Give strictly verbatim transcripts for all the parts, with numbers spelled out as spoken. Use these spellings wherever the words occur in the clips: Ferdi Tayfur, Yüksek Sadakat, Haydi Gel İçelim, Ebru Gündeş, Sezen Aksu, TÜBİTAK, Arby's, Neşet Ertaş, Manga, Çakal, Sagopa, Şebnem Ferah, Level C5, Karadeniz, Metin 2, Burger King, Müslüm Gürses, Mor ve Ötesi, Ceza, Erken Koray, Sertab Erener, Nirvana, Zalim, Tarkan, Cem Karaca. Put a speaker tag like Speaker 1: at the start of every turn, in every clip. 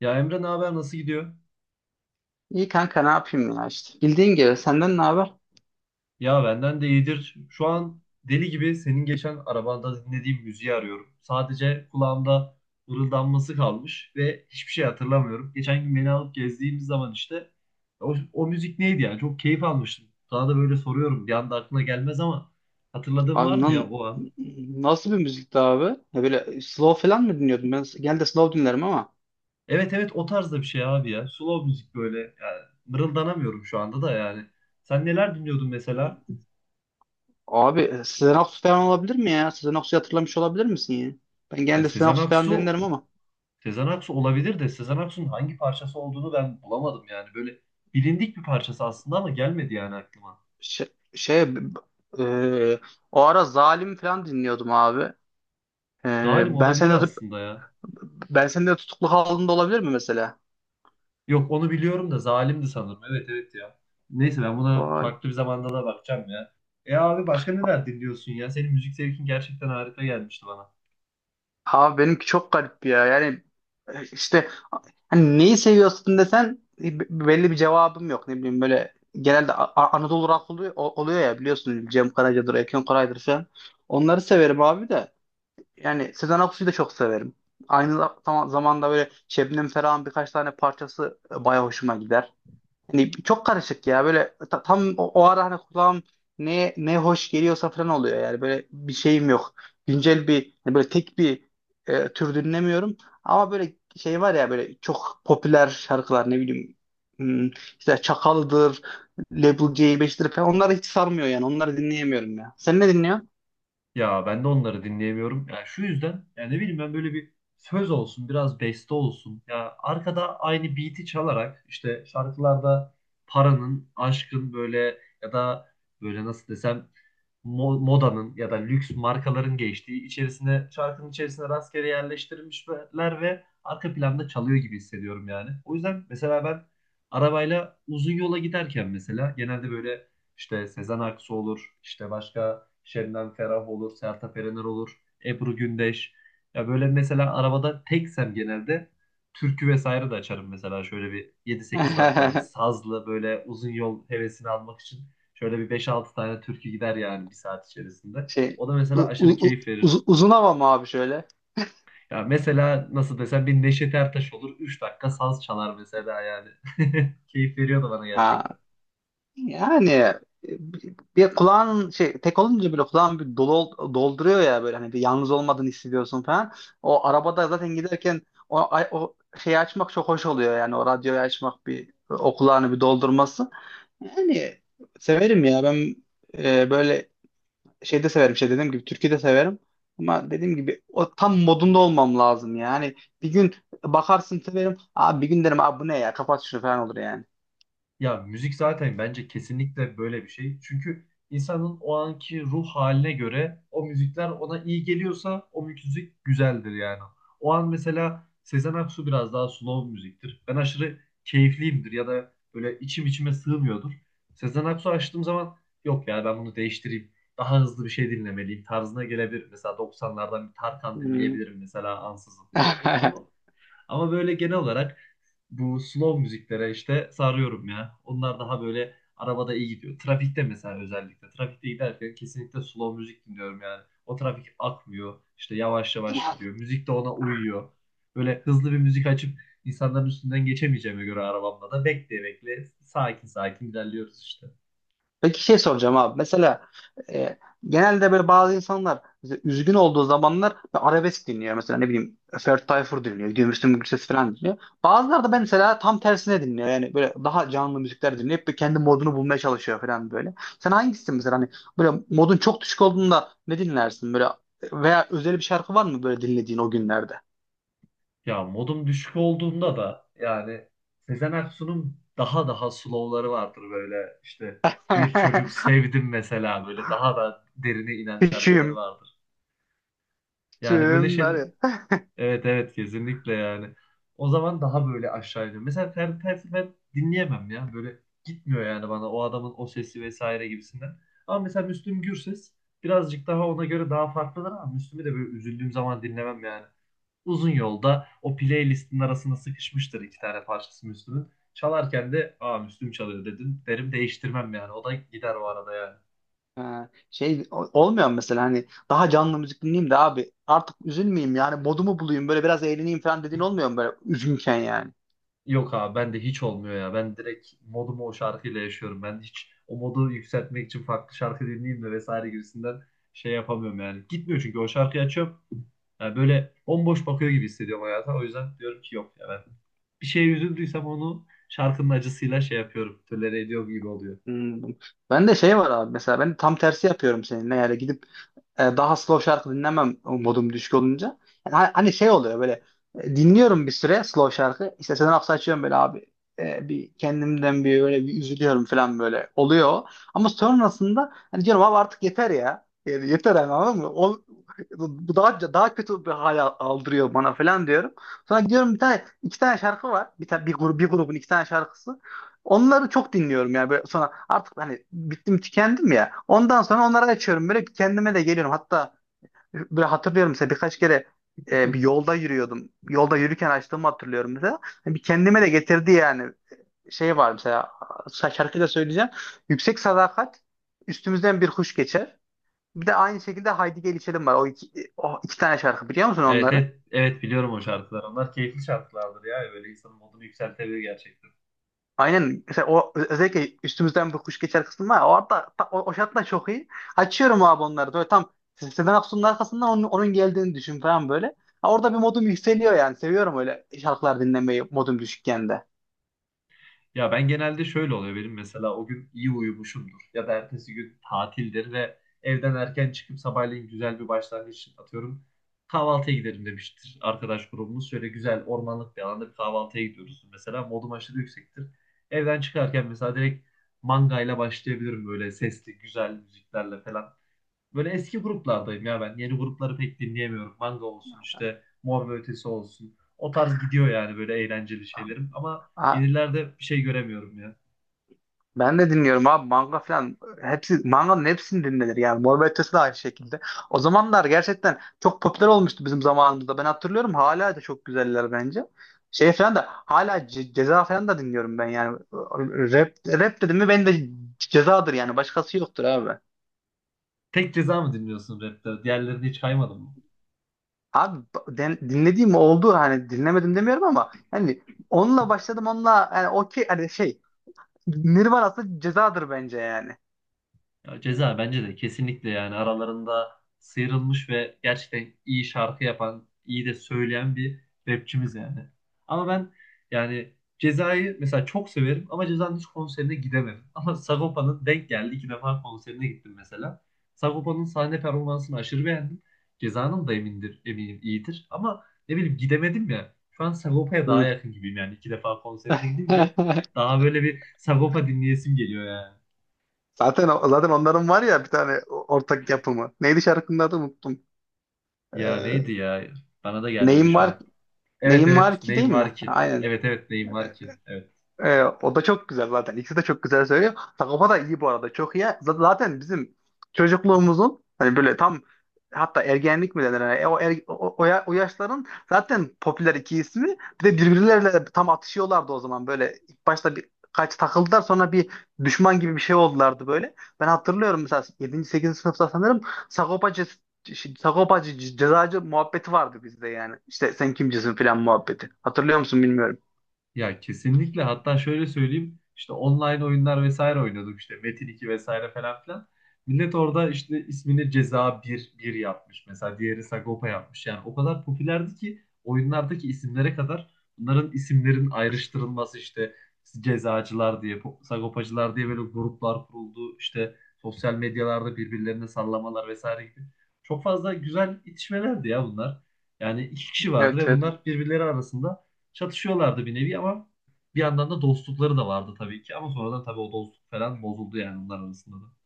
Speaker 1: Ya Emre ne haber nasıl gidiyor?
Speaker 2: İyi kanka ne yapayım ya işte. Bildiğin gibi senden ne haber?
Speaker 1: Ya benden de iyidir. Şu an deli gibi senin geçen arabanda dinlediğim müziği arıyorum. Sadece kulağımda mırıldanması kalmış ve hiçbir şey hatırlamıyorum. Geçen gün beni alıp gezdiğimiz zaman işte o, o müzik neydi ya? Çok keyif almıştım. Sana da böyle soruyorum. Bir anda aklına gelmez ama hatırladığın var
Speaker 2: Abi
Speaker 1: mı ya
Speaker 2: lan,
Speaker 1: o an?
Speaker 2: nasıl bir müzikti abi? Ya böyle slow falan mı dinliyordun? Ben genelde slow dinlerim ama.
Speaker 1: Evet evet, o tarzda bir şey abi ya. Slow müzik böyle. Yani mırıldanamıyorum şu anda da yani. Sen neler dinliyordun
Speaker 2: Hmm.
Speaker 1: mesela?
Speaker 2: Abi, Sezen Aksu falan olabilir mi ya? Sezen Aksu'yu hatırlamış olabilir misin ya? Ben
Speaker 1: Ya
Speaker 2: genelde Sezen
Speaker 1: Sezen
Speaker 2: Aksu falan
Speaker 1: Aksu,
Speaker 2: dinlerim ama.
Speaker 1: Sezen Aksu olabilir de Sezen Aksu'nun hangi parçası olduğunu ben bulamadım yani. Böyle bilindik bir parçası aslında ama gelmedi yani aklıma.
Speaker 2: Şey, şey b- b- e, O ara Zalim falan dinliyordum abi. E,
Speaker 1: Zalim
Speaker 2: ben
Speaker 1: olabilir
Speaker 2: seni de
Speaker 1: aslında ya.
Speaker 2: ben seni de tutuklu halinde olabilir mi mesela?
Speaker 1: Yok, onu biliyorum da Zalim'di sanırım. Evet evet ya. Neyse, ben buna
Speaker 2: Vay.
Speaker 1: farklı bir zamanda da bakacağım ya. E abi, başka neler dinliyorsun ya? Senin müzik zevkin gerçekten harika gelmişti bana.
Speaker 2: Abi, benimki çok garip ya. Yani, e, işte hani neyi seviyorsun desen e, b- belli bir cevabım yok. Ne bileyim, böyle genelde A- A- Anadolu rock oluyor, o- oluyor ya, biliyorsun, Cem Karaca'dır, Erken Koray'dır falan. Onları severim abi de. Yani Sezen Aksu'yu da çok severim. Aynı za- zam- zamanda böyle Şebnem Ferah'ın birkaç tane parçası e, baya hoşuma gider. Hani çok karışık ya böyle, ta- tam o, o ara, hani kulağım ne ne hoş geliyorsa falan oluyor yani, böyle bir şeyim yok. Güncel, bir hani böyle tek bir e, tür dinlemiyorum, ama böyle şey var ya, böyle çok popüler şarkılar, ne bileyim, hmm, işte Çakal'dır, Level C beş'tir falan, onları hiç sarmıyor yani, onları dinleyemiyorum ya. Sen ne dinliyorsun?
Speaker 1: Ya ben de onları dinleyemiyorum. Ya şu yüzden, yani ne bileyim, ben böyle bir söz olsun, biraz beste olsun. Ya arkada aynı beat'i çalarak işte şarkılarda paranın, aşkın, böyle ya da böyle nasıl desem mo- modanın ya da lüks markaların geçtiği, içerisine, şarkının içerisine rastgele yerleştirilmişler ve arka planda çalıyor gibi hissediyorum yani. O yüzden mesela ben arabayla uzun yola giderken mesela genelde böyle işte Sezen Aksu olur. işte başka Şebnem Ferah olur. Sertab Erener olur. Ebru Gündeş. Ya böyle mesela arabada teksem genelde türkü vesaire de açarım mesela, şöyle bir yedi sekiz dakikalık sazlı böyle uzun yol hevesini almak için şöyle bir beş altı tane türkü gider yani bir saat içerisinde.
Speaker 2: Şey
Speaker 1: O da mesela
Speaker 2: u-
Speaker 1: aşırı
Speaker 2: u- u-
Speaker 1: keyif verir.
Speaker 2: uz- Uzun hava mı abi şöyle?
Speaker 1: Ya mesela nasıl desem, bir Neşet Ertaş olur üç dakika saz çalar mesela yani. Keyif veriyor da bana gerçekten.
Speaker 2: Yani, e, bir kulağın şey tek olunca böyle kulağın bir dolu, dolduruyor ya, böyle hani bir yalnız olmadığını hissediyorsun falan. O arabada zaten giderken o, o şeyi açmak çok hoş oluyor yani, o radyoyu açmak, bir o kulağını bir doldurması. Yani severim ya ben, e, böyle şeyde severim, şey dediğim gibi türkü de severim. Ama dediğim gibi o tam modunda olmam lazım yani. Bir gün bakarsın severim. Abi, bir gün derim, abi bu ne ya, kapat şunu falan olur yani.
Speaker 1: Ya müzik zaten bence kesinlikle böyle bir şey. Çünkü insanın o anki ruh haline göre o müzikler ona iyi geliyorsa o müzik güzeldir yani. O an mesela Sezen Aksu biraz daha slow müziktir. Ben aşırı keyifliyimdir ya da böyle içim içime sığmıyordur. Sezen Aksu açtığım zaman yok ya, ben bunu değiştireyim. Daha hızlı bir şey dinlemeliyim tarzına gelebilir. Mesela doksanlardan bir Tarkan
Speaker 2: Hmm.
Speaker 1: dinleyebilirim mesela ansızın. Ama ama böyle genel olarak bu slow müziklere işte sarıyorum ya. Onlar daha böyle arabada iyi gidiyor. Trafikte mesela, özellikle. Trafikte giderken kesinlikle slow müzik dinliyorum yani. O trafik akmıyor. İşte yavaş yavaş gidiyor. Müzik de ona uyuyor. Böyle hızlı bir müzik açıp insanların üstünden geçemeyeceğime göre arabamda da bekleye bekle sakin sakin ilerliyoruz işte.
Speaker 2: Peki şey soracağım abi. Mesela, e, genelde böyle bazı insanlar mesela üzgün olduğu zamanlar arabesk dinliyor. Mesela ne bileyim Ferdi Tayfur dinliyor. Gidiyor Müslüm Gürses falan dinliyor. Bazıları da mesela tam tersine dinliyor. Yani böyle daha canlı müzikler dinleyip bir kendi modunu bulmaya çalışıyor falan böyle. Sen hangisisin mesela, hani böyle modun çok düşük olduğunda ne dinlersin? Böyle veya özel bir şarkı var mı böyle dinlediğin o günlerde?
Speaker 1: Ya modum düşük olduğunda da yani Sezen Aksu'nun daha daha slow'ları vardır, böyle işte bir çocuk sevdim mesela, böyle daha da derine inen şarkıları
Speaker 2: Küçüğüm
Speaker 1: vardır. Yani böyle
Speaker 2: tüm.
Speaker 1: şey, evet evet, kesinlikle yani. O zaman daha böyle aşağı iniyor. Mesela Ferdi Tayfur ben dinleyemem ya, böyle gitmiyor yani bana o adamın o sesi vesaire gibisinden. Ama mesela Müslüm Gürses birazcık daha ona göre daha farklıdır ama Müslüm'ü de böyle üzüldüğüm zaman dinlemem yani. Uzun yolda o playlistin arasına sıkışmıştır iki tane parçası Müslüm'ün. Çalarken de aa, Müslüm çalıyor dedim. Derim, değiştirmem yani. O da gider o arada yani.
Speaker 2: Ha, şey o- olmuyor mu mesela, hani daha canlı müzik dinleyeyim de abi artık üzülmeyeyim yani, modumu bulayım, böyle biraz eğleneyim falan dediğin olmuyor mu böyle üzgünken yani?
Speaker 1: Yok abi, ben de hiç olmuyor ya. Ben direkt modumu o şarkıyla yaşıyorum. Ben hiç o modu yükseltmek için farklı şarkı dinleyeyim de vesaire gibisinden şey yapamıyorum yani. Gitmiyor, çünkü o şarkıyı açıyorum. Yani böyle bomboş bakıyor gibi hissediyorum hayata. O yüzden diyorum ki yok ya, ben bir şeye üzüldüysem onu şarkının acısıyla şey yapıyorum. Tolere ediyorum gibi oluyor.
Speaker 2: Hmm. Ben de şey var abi, mesela ben tam tersi yapıyorum seninle yani, gidip e, daha slow şarkı dinlemem modum düşük olunca. Yani ha- hani şey oluyor böyle, e, dinliyorum bir süre slow şarkı. İşte Sezen Aksu açıyorum böyle, abi e, bir kendimden bir böyle bir üzülüyorum falan böyle oluyor. Ama sonrasında hani diyorum abi artık yeter ya. Yani yeter yani, anladın mı? Ol- bu daha daha kötü bir hal aldırıyor bana falan diyorum. Sonra gidiyorum, bir tane iki tane şarkı var. Bir tane, bir, grup, bir grubun iki tane şarkısı. Onları çok dinliyorum yani, böyle sonra artık hani bittim tükendim ya. Ondan sonra onları açıyorum, böyle bir kendime de geliyorum. Hatta böyle hatırlıyorum mesela birkaç kere, e, bir yolda yürüyordum. Yolda yürürken açtığımı hatırlıyorum mesela. Hani bir kendime de getirdi yani, şey var mesela, şa- şarkıyı da söyleyeceğim. Yüksek Sadakat, üstümüzden bir kuş geçer. Bir de aynı şekilde Haydi Gel İçelim var. O iki, o iki tane şarkı biliyor musun
Speaker 1: Evet,
Speaker 2: onları?
Speaker 1: evet, evet, biliyorum o şarkılar. Onlar keyifli şarkılardır ya. Böyle insanın modunu yükseltebilir gerçekten.
Speaker 2: Aynen. Mesela o özellikle üstümüzden bir kuş geçer kısmı var ya. Orada ta- o, o şartlar çok iyi. Açıyorum abi onları. Böyle tam Sezen Aksu'nun arkasından onun, onun geldiğini düşün falan böyle. Ha, orada bir modum yükseliyor yani. Seviyorum öyle şarkılar dinlemeyi modum düşükken de.
Speaker 1: Ya ben genelde şöyle oluyor, benim mesela o gün iyi uyumuşumdur. Ya da ertesi gün tatildir ve evden erken çıkıp sabahleyin güzel bir başlangıç atıyorum. Kahvaltıya gidelim demiştir arkadaş grubumuz. Şöyle güzel ormanlık bir alanda bir kahvaltıya gidiyoruz. Mesela modum aşırı yüksektir. Evden çıkarken mesela direkt mangayla başlayabilirim, böyle sesli güzel müziklerle falan. Böyle eski gruplardayım ya ben. Yeni grupları pek dinleyemiyorum. Manga olsun, işte Mor ve Ötesi olsun. O tarz gidiyor yani, böyle eğlenceli şeylerim. Ama yenilerde bir şey göremiyorum ya.
Speaker 2: Ben de dinliyorum abi, manga falan. Hepsi manganın, hepsini dinlenir yani. Mor ve Ötesi de aynı şekilde. O zamanlar gerçekten çok popüler olmuştu bizim zamanımızda. Ben hatırlıyorum, hala da çok güzeller bence. Şey falan da hala Ce- Ceza falan da dinliyorum ben yani. Rap, rap dedim mi, ben de Cezadır yani. Başkası yoktur abi.
Speaker 1: Tek Ceza mı dinliyorsun rapte? Diğerlerini hiç kaymadın mı?
Speaker 2: Abi, den- dinlediğim oldu, hani dinlemedim demiyorum, ama hani onunla başladım, onunla yani, okey, hani şey, Nirvana'sı Cezadır bence yani.
Speaker 1: Ya Ceza bence de kesinlikle yani aralarında sıyrılmış ve gerçekten iyi şarkı yapan, iyi de söyleyen bir rapçimiz yani. Ama ben yani Ceza'yı mesela çok severim ama Ceza'nın hiç konserine gidemedim. Ama Sagopa'nın denk geldi. İki defa konserine gittim mesela. Sagopa'nın sahne performansını aşırı beğendim. Ceza'nın da emindir, eminim iyidir. Ama ne bileyim, gidemedim ya. Şu an Sagopa'ya daha
Speaker 2: Hı.
Speaker 1: yakın gibiyim yani. İki defa konserine gidince daha böyle bir Sagopa dinleyesim geliyor yani.
Speaker 2: Zaten zaten onların var ya bir tane ortak yapımı. Neydi şarkının adı, unuttum.
Speaker 1: Ya
Speaker 2: Ee,
Speaker 1: neydi ya? Bana da gelmedi
Speaker 2: neyim
Speaker 1: şu
Speaker 2: var
Speaker 1: an. Evet
Speaker 2: Neyim var
Speaker 1: evet,
Speaker 2: ki, değil
Speaker 1: neyim
Speaker 2: mi?
Speaker 1: var ki?
Speaker 2: Aynen.
Speaker 1: Evet evet, neyim var
Speaker 2: Ee,
Speaker 1: ki? Evet.
Speaker 2: Ee, o da çok güzel zaten. İkisi de çok güzel söylüyor. Sagopa da iyi bu arada. Çok iyi. Z- Zaten bizim çocukluğumuzun, hani böyle tam, hatta ergenlik mi denir? Yani o, er- o, o, ya- o yaşların zaten popüler iki ismi. Bir de birbirleriyle tam atışıyorlardı o zaman. Böyle ilk başta bir kaç takıldılar, sonra bir düşman gibi bir şey oldulardı böyle. Ben hatırlıyorum mesela, yedinci. sekizinci sınıfta sanırım Sagopacı Sagopacı ce- cezacı muhabbeti vardı bizde yani. İşte sen kimcisin falan muhabbeti. Hatırlıyor musun bilmiyorum.
Speaker 1: Ya kesinlikle, hatta şöyle söyleyeyim, işte online oyunlar vesaire oynuyorduk, işte Metin iki vesaire falan filan. Millet orada işte ismini Ceza bir bir yapmış mesela, diğeri Sagopa yapmış. Yani o kadar popülerdi ki oyunlardaki isimlere kadar bunların isimlerin ayrıştırılması, işte cezacılar diye po- sagopacılar diye böyle gruplar kuruldu. İşte sosyal medyalarda birbirlerine sallamalar vesaire gibi. Çok fazla güzel itişmelerdi ya bunlar. Yani iki kişi vardı
Speaker 2: Evet,
Speaker 1: ve
Speaker 2: evet.
Speaker 1: bunlar birbirleri arasında çatışıyorlardı bir nevi, ama bir yandan da dostlukları da vardı tabii ki, ama sonradan tabii o dostluk falan bozuldu yani onlar arasında da.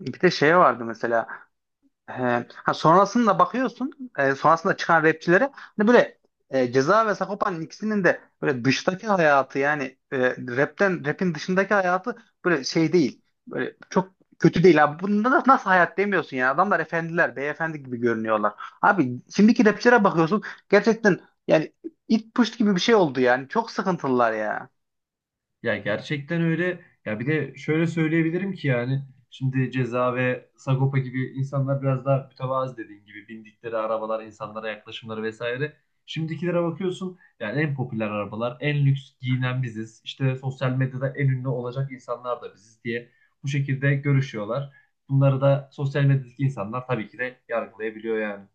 Speaker 2: Bir de şey vardı mesela. e, ha sonrasında bakıyorsun. E, sonrasında çıkan rapçilere, hani böyle e, Ceza ve Sagopa'nın ikisinin de böyle dıştaki hayatı yani, e, rapten rapin dışındaki hayatı böyle şey değil. Böyle çok kötü değil abi. Bunda da nasıl hayat demiyorsun ya. Adamlar efendiler, beyefendi gibi görünüyorlar. Abi şimdiki rapçilere bakıyorsun. Gerçekten yani, it push gibi bir şey oldu yani. Çok sıkıntılılar ya.
Speaker 1: Ya gerçekten öyle. Ya bir de şöyle söyleyebilirim ki yani şimdi Ceza ve Sagopa gibi insanlar biraz daha mütevazı, dediğin gibi bindikleri arabalar, insanlara yaklaşımları vesaire. Şimdikilere bakıyorsun yani en popüler arabalar, en lüks giyinen biziz. İşte sosyal medyada en ünlü olacak insanlar da biziz diye bu şekilde görüşüyorlar. Bunları da sosyal medyadaki insanlar tabii ki de yargılayabiliyor yani.